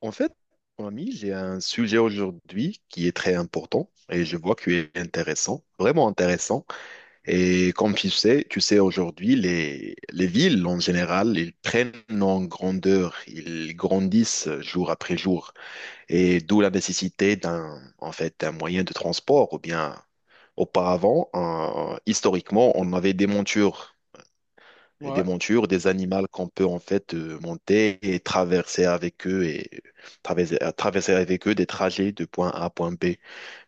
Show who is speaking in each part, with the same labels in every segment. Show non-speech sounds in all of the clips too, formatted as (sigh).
Speaker 1: En fait, mon ami, j'ai un sujet aujourd'hui qui est très important et je vois qu'il est intéressant, vraiment intéressant. Et comme tu sais aujourd'hui, les villes en général, ils prennent en grandeur, ils grandissent jour après jour. Et d'où la nécessité d'un, en fait, d'un moyen de transport ou bien auparavant, historiquement, on avait des montures et des
Speaker 2: Ouais,
Speaker 1: montures, des animaux qu'on peut en fait monter et traverser avec eux et traverser avec eux des trajets de point A à point B.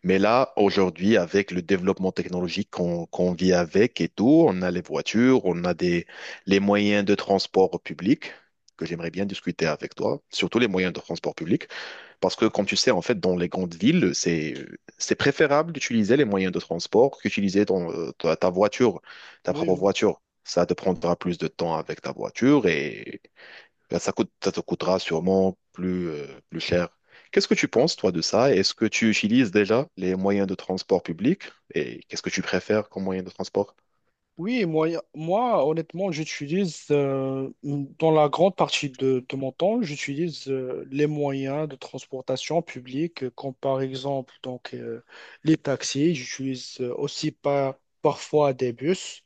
Speaker 1: Mais là, aujourd'hui, avec le développement technologique qu'on vit avec et tout, on a les voitures, on a des, les moyens de transport public, que j'aimerais bien discuter avec toi, surtout les moyens de transport public. Parce que, comme tu sais, en fait, dans les grandes villes, c'est préférable d'utiliser les moyens de transport qu'utiliser ton, ta voiture, ta
Speaker 2: oui,
Speaker 1: propre
Speaker 2: oui,
Speaker 1: voiture. Ça te prendra plus de temps avec ta voiture et ben, ça coûte, ça te coûtera sûrement plus, plus cher. Qu'est-ce que tu
Speaker 2: tout
Speaker 1: penses, toi, de ça? Est-ce que tu utilises déjà les moyens de transport public et qu'est-ce que tu préfères comme moyen de transport?
Speaker 2: Oui, moi honnêtement, j'utilise dans la grande partie de mon temps, j'utilise les moyens de transportation publique, comme par exemple donc, les taxis. J'utilise aussi parfois des bus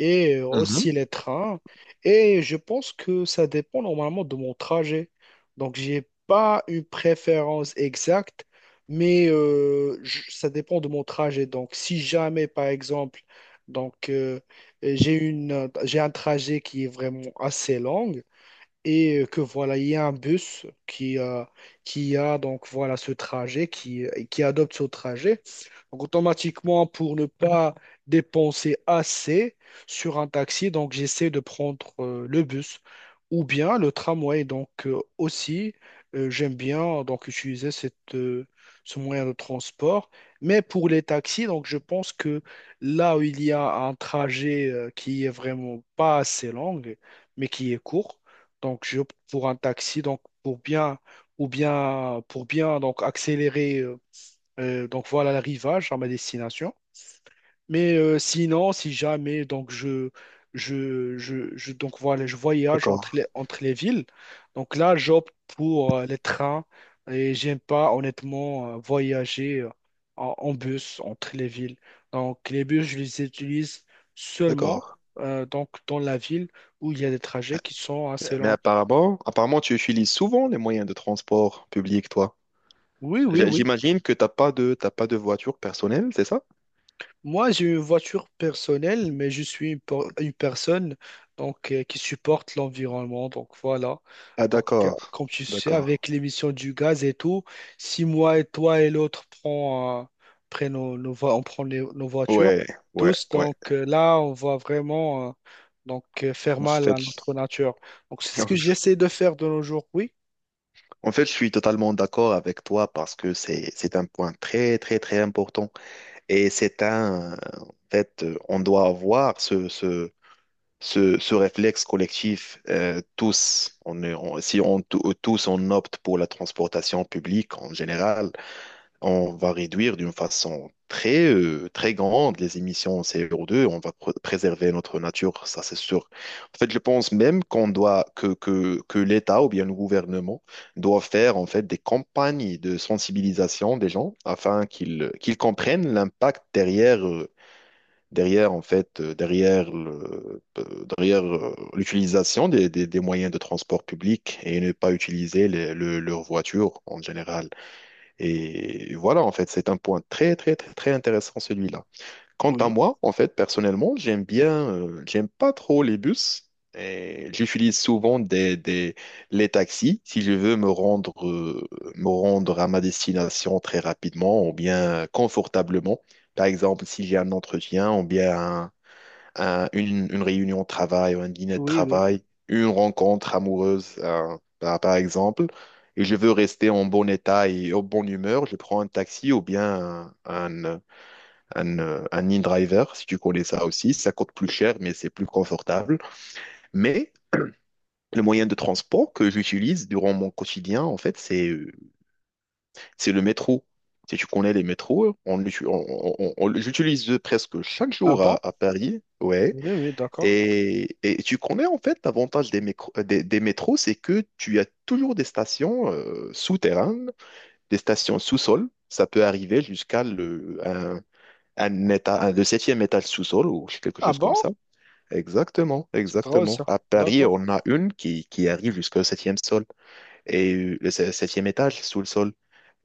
Speaker 2: et
Speaker 1: Mhm.
Speaker 2: aussi les trains. Et je pense que ça dépend normalement de mon trajet. Donc, j'ai pas une préférence exacte, mais ça dépend de mon trajet. Donc, si jamais, par exemple, donc, euh, j'ai j'ai un trajet qui est vraiment assez long et que voilà, il y a un bus qui, qui a donc voilà ce trajet, qui qui adopte ce trajet. Donc automatiquement, pour ne pas dépenser assez sur un taxi, donc j'essaie de prendre le bus ou bien le tramway. Donc aussi, j'aime bien donc utiliser ce moyen de transport. Mais pour les taxis, donc je pense que là où il y a un trajet qui est vraiment pas assez long, mais qui est court, donc j'opte pour un taxi, donc pour bien donc accélérer donc voilà l'arrivage à ma destination. Mais sinon, si jamais donc donc voilà, je voyage
Speaker 1: D'accord,
Speaker 2: entre entre les villes, donc là, j'opte pour les trains et j'aime pas honnêtement voyager en bus entre les villes. Donc, les bus, je les utilise seulement
Speaker 1: d'accord.
Speaker 2: donc dans la ville où il y a des trajets qui sont assez
Speaker 1: Mais
Speaker 2: longs.
Speaker 1: apparemment, apparemment, tu utilises souvent les moyens de transport public, toi.
Speaker 2: Oui, oui, oui.
Speaker 1: J'imagine que t'as pas de voiture personnelle, c'est ça?
Speaker 2: Moi, j'ai une voiture personnelle, mais je suis une personne donc, qui supporte l'environnement. Donc voilà.
Speaker 1: Ah
Speaker 2: Donc,
Speaker 1: d'accord,
Speaker 2: comme tu sais,
Speaker 1: d'accord.
Speaker 2: avec l'émission du gaz et tout, si moi et toi et l'autre prennent nos on prend nos voitures,
Speaker 1: Ouais, ouais,
Speaker 2: tous,
Speaker 1: ouais.
Speaker 2: donc là, on va vraiment faire
Speaker 1: En
Speaker 2: mal
Speaker 1: fait,
Speaker 2: à notre nature. Donc c'est ce que
Speaker 1: (laughs)
Speaker 2: j'essaie de faire de nos jours. Oui,
Speaker 1: en fait, je suis totalement d'accord avec toi parce que c'est un point très très très important et c'est un en fait on doit avoir ce ce réflexe collectif tous. On est si on tous on opte pour la transportation publique en général. On va réduire d'une façon très, très grande les émissions CO2, on va préserver notre nature, ça c'est sûr. En fait, je pense même qu'on doit, que l'État ou bien le gouvernement doit faire en fait des campagnes de sensibilisation des gens afin qu'ils comprennent l'impact derrière, derrière en fait, derrière le, derrière l'utilisation des moyens de transport public et ne pas utiliser leur voiture en général. Et voilà, en fait, c'est un point très, très, très, très intéressant, celui-là. Quant à
Speaker 2: oui,
Speaker 1: moi, en fait, personnellement, j'aime bien, j'aime pas trop les bus. Et j'utilise souvent les taxis si je veux me rendre à ma destination très rapidement ou bien confortablement. Par exemple, si j'ai un entretien ou bien une réunion de travail, un dîner de
Speaker 2: oui, oui.
Speaker 1: travail, une rencontre amoureuse, par, par exemple, et je veux rester en bon état et en bonne humeur, je prends un taxi ou bien un, un in-driver, si tu connais ça aussi. Ça coûte plus cher, mais c'est plus confortable. Mais le moyen de transport que j'utilise durant mon quotidien, en fait, c'est le métro. Si tu connais les métros, on, j'utilise presque chaque
Speaker 2: Ah
Speaker 1: jour
Speaker 2: bon?
Speaker 1: à Paris. Ouais.
Speaker 2: Oui, oui, d'accord.
Speaker 1: Et tu connais en fait l'avantage des, des métros, c'est que tu as toujours des stations souterraines, des stations sous-sol. Ça peut arriver jusqu'à le, un, le septième étage sous-sol ou quelque
Speaker 2: Ah
Speaker 1: chose comme
Speaker 2: bon?
Speaker 1: ça. Exactement,
Speaker 2: C'est drôle
Speaker 1: exactement.
Speaker 2: ça.
Speaker 1: À Paris,
Speaker 2: D'accord.
Speaker 1: on a une qui arrive jusqu'au septième sol et le septième étage sous le sol.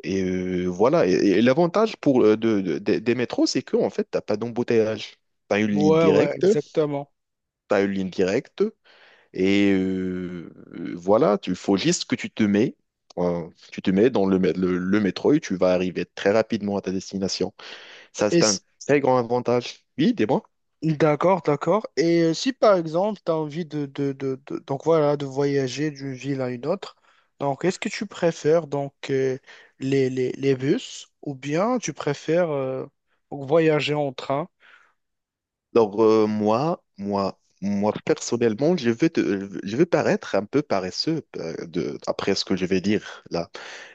Speaker 1: Et voilà. Et l'avantage pour des métros, c'est que en fait, t'as pas d'embouteillage. T'as une ligne
Speaker 2: Ouais, ouais,
Speaker 1: directe.
Speaker 2: exactement.
Speaker 1: T'as une ligne directe. Et voilà, il faut juste que tu te mets dans le, le métro et tu vas arriver très rapidement à ta destination. Ça,
Speaker 2: Et
Speaker 1: c'est un
Speaker 2: s-
Speaker 1: très grand avantage. Oui, dis-moi.
Speaker 2: d'accord, d'accord. Et si par exemple, tu as envie donc voilà, de voyager d'une ville à une autre, donc est-ce que tu préfères donc les bus ou bien tu préfères voyager en train?
Speaker 1: Alors, moi, moi, moi, personnellement, je veux, je veux paraître un peu paresseux de, après ce que je vais dire.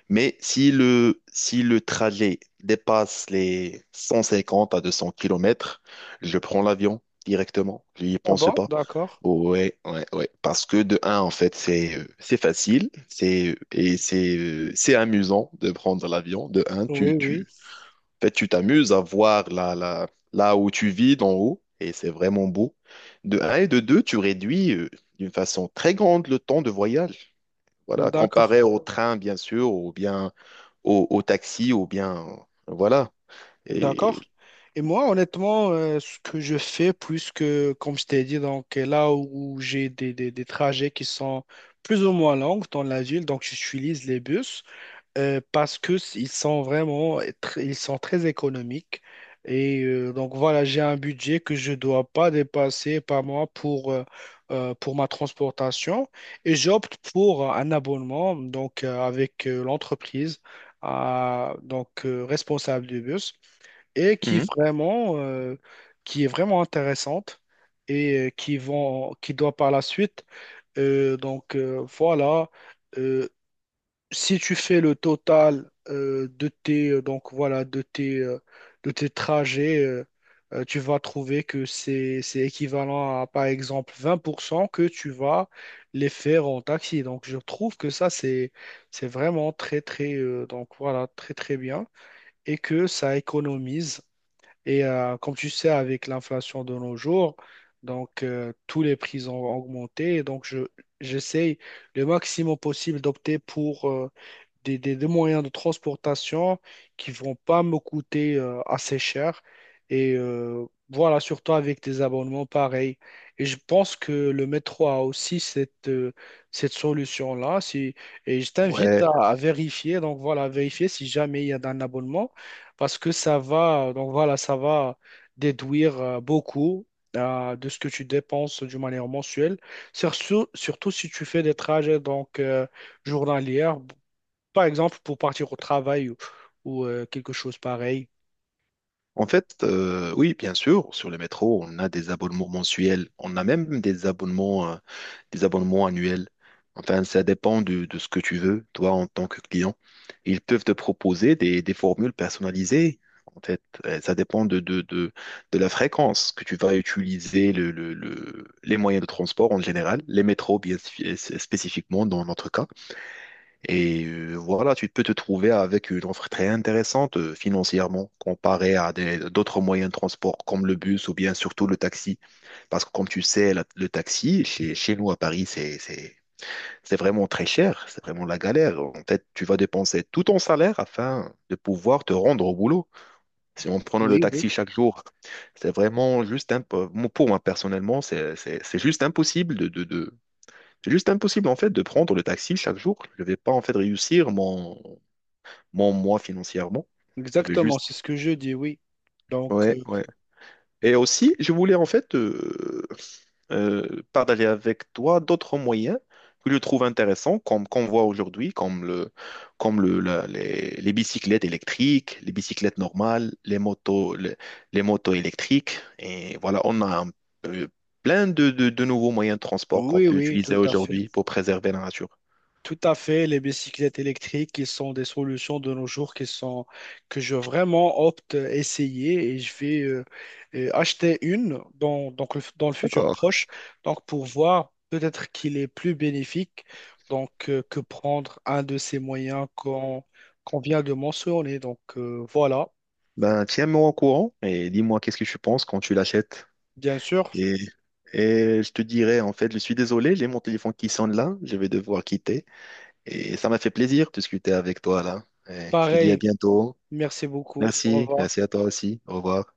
Speaker 1: Mais si le, si le trajet dépasse les 150 à 200 kilomètres, je prends l'avion directement. Je n'y
Speaker 2: Ah
Speaker 1: pense
Speaker 2: bon,
Speaker 1: pas.
Speaker 2: d'accord.
Speaker 1: Ouais, ouais, ouais. Parce que de un, en fait, c'est facile, c'est et c'est c'est amusant de prendre l'avion. De un, tu
Speaker 2: Oui, oui,
Speaker 1: tu en fait, tu t'amuses à voir là là où tu vis d'en haut et c'est vraiment beau. De un et de deux, tu réduis d'une façon très grande le temps de voyage. Voilà,
Speaker 2: d'accord,
Speaker 1: comparé au train bien sûr ou bien au, au taxi ou bien voilà. Et
Speaker 2: d'accord. Et moi, honnêtement, ce que je fais, puisque, comme je t'ai dit, donc là où j'ai des trajets qui sont plus ou moins longs dans la ville, donc j'utilise les bus. Parce que s- ils sont ils sont très économiques et donc voilà j'ai un budget que je dois pas dépasser par mois pour ma transportation et j'opte pour un abonnement donc avec l'entreprise responsable du bus et
Speaker 1: mhm.
Speaker 2: qui est vraiment intéressante et qui vont qui doit par la suite voilà euh, si tu fais le total de tes donc voilà de tes trajets tu vas trouver que c'est équivalent à par exemple 20% que tu vas les faire en taxi. Donc je trouve que ça c'est vraiment très très donc voilà très très bien et que ça économise. Et comme tu sais, avec l'inflation de nos jours, donc tous les prix ont augmenté. Et donc je j'essaye le maximum possible d'opter pour des moyens de transportation qui vont pas me coûter assez cher. Et voilà, surtout avec des abonnements pareils. Et je pense que le métro a aussi cette solution-là. Si, et je t'invite
Speaker 1: Ouais,
Speaker 2: à vérifier, donc voilà, à vérifier si jamais il y a un abonnement, parce que ça va, donc voilà, ça va déduire beaucoup de ce que tu dépenses d'une manière mensuelle, surtout, surtout si tu fais des trajets donc journalières par exemple, pour partir au travail ou quelque chose pareil.
Speaker 1: en fait, oui, bien sûr, sur le métro, on a des abonnements mensuels, on a même des abonnements annuels. Enfin, ça dépend de ce que tu veux, toi, en tant que client. Ils peuvent te proposer des formules personnalisées. En fait, ça dépend de la fréquence que tu vas utiliser les moyens de transport en général, les métros bien spécifiquement dans notre cas. Et voilà, tu peux te trouver avec une offre très intéressante financièrement comparée à d'autres moyens de transport comme le bus ou bien surtout le taxi. Parce que comme tu sais, le taxi chez, chez nous à Paris, c'est vraiment très cher, c'est vraiment la galère. En fait, tu vas dépenser tout ton salaire afin de pouvoir te rendre au boulot. Si on prenait le
Speaker 2: Oui, oui,
Speaker 1: taxi chaque jour, c'est vraiment pour moi personnellement, c'est juste impossible c'est juste impossible en fait de prendre le taxi chaque jour. Je vais pas en fait réussir mon moi financièrement. Je vais
Speaker 2: exactement,
Speaker 1: juste.
Speaker 2: c'est ce que je dis, oui. Donc,
Speaker 1: Ouais, ouais. Et aussi, je voulais en fait partager avec toi d'autres moyens que je trouve intéressants, comme qu'on voit aujourd'hui, comme le, comme les bicyclettes électriques, les bicyclettes normales, les motos électriques. Et voilà, on a un peu- plein de nouveaux moyens de transport qu'on
Speaker 2: oui,
Speaker 1: peut
Speaker 2: oui,
Speaker 1: utiliser
Speaker 2: tout à fait.
Speaker 1: aujourd'hui pour préserver la nature.
Speaker 2: Tout à fait, les bicyclettes électriques, qui sont des solutions de nos jours qui sont, que je vraiment opte à essayer, et je vais acheter une donc dans le futur
Speaker 1: D'accord.
Speaker 2: proche, donc pour voir peut-être qu'il est plus bénéfique donc, que prendre un de ces moyens qu'on vient de mentionner. Donc, voilà,
Speaker 1: Ben, tiens-moi au courant et dis-moi qu'est-ce que tu penses quand tu l'achètes.
Speaker 2: bien sûr.
Speaker 1: Et, et je te dirais, en fait, je suis désolé, j'ai mon téléphone qui sonne là, je vais devoir quitter. Et ça m'a fait plaisir de discuter avec toi là. Et je te dis à
Speaker 2: Pareil,
Speaker 1: bientôt.
Speaker 2: merci beaucoup. Au
Speaker 1: Merci,
Speaker 2: revoir.
Speaker 1: merci à toi aussi. Au revoir.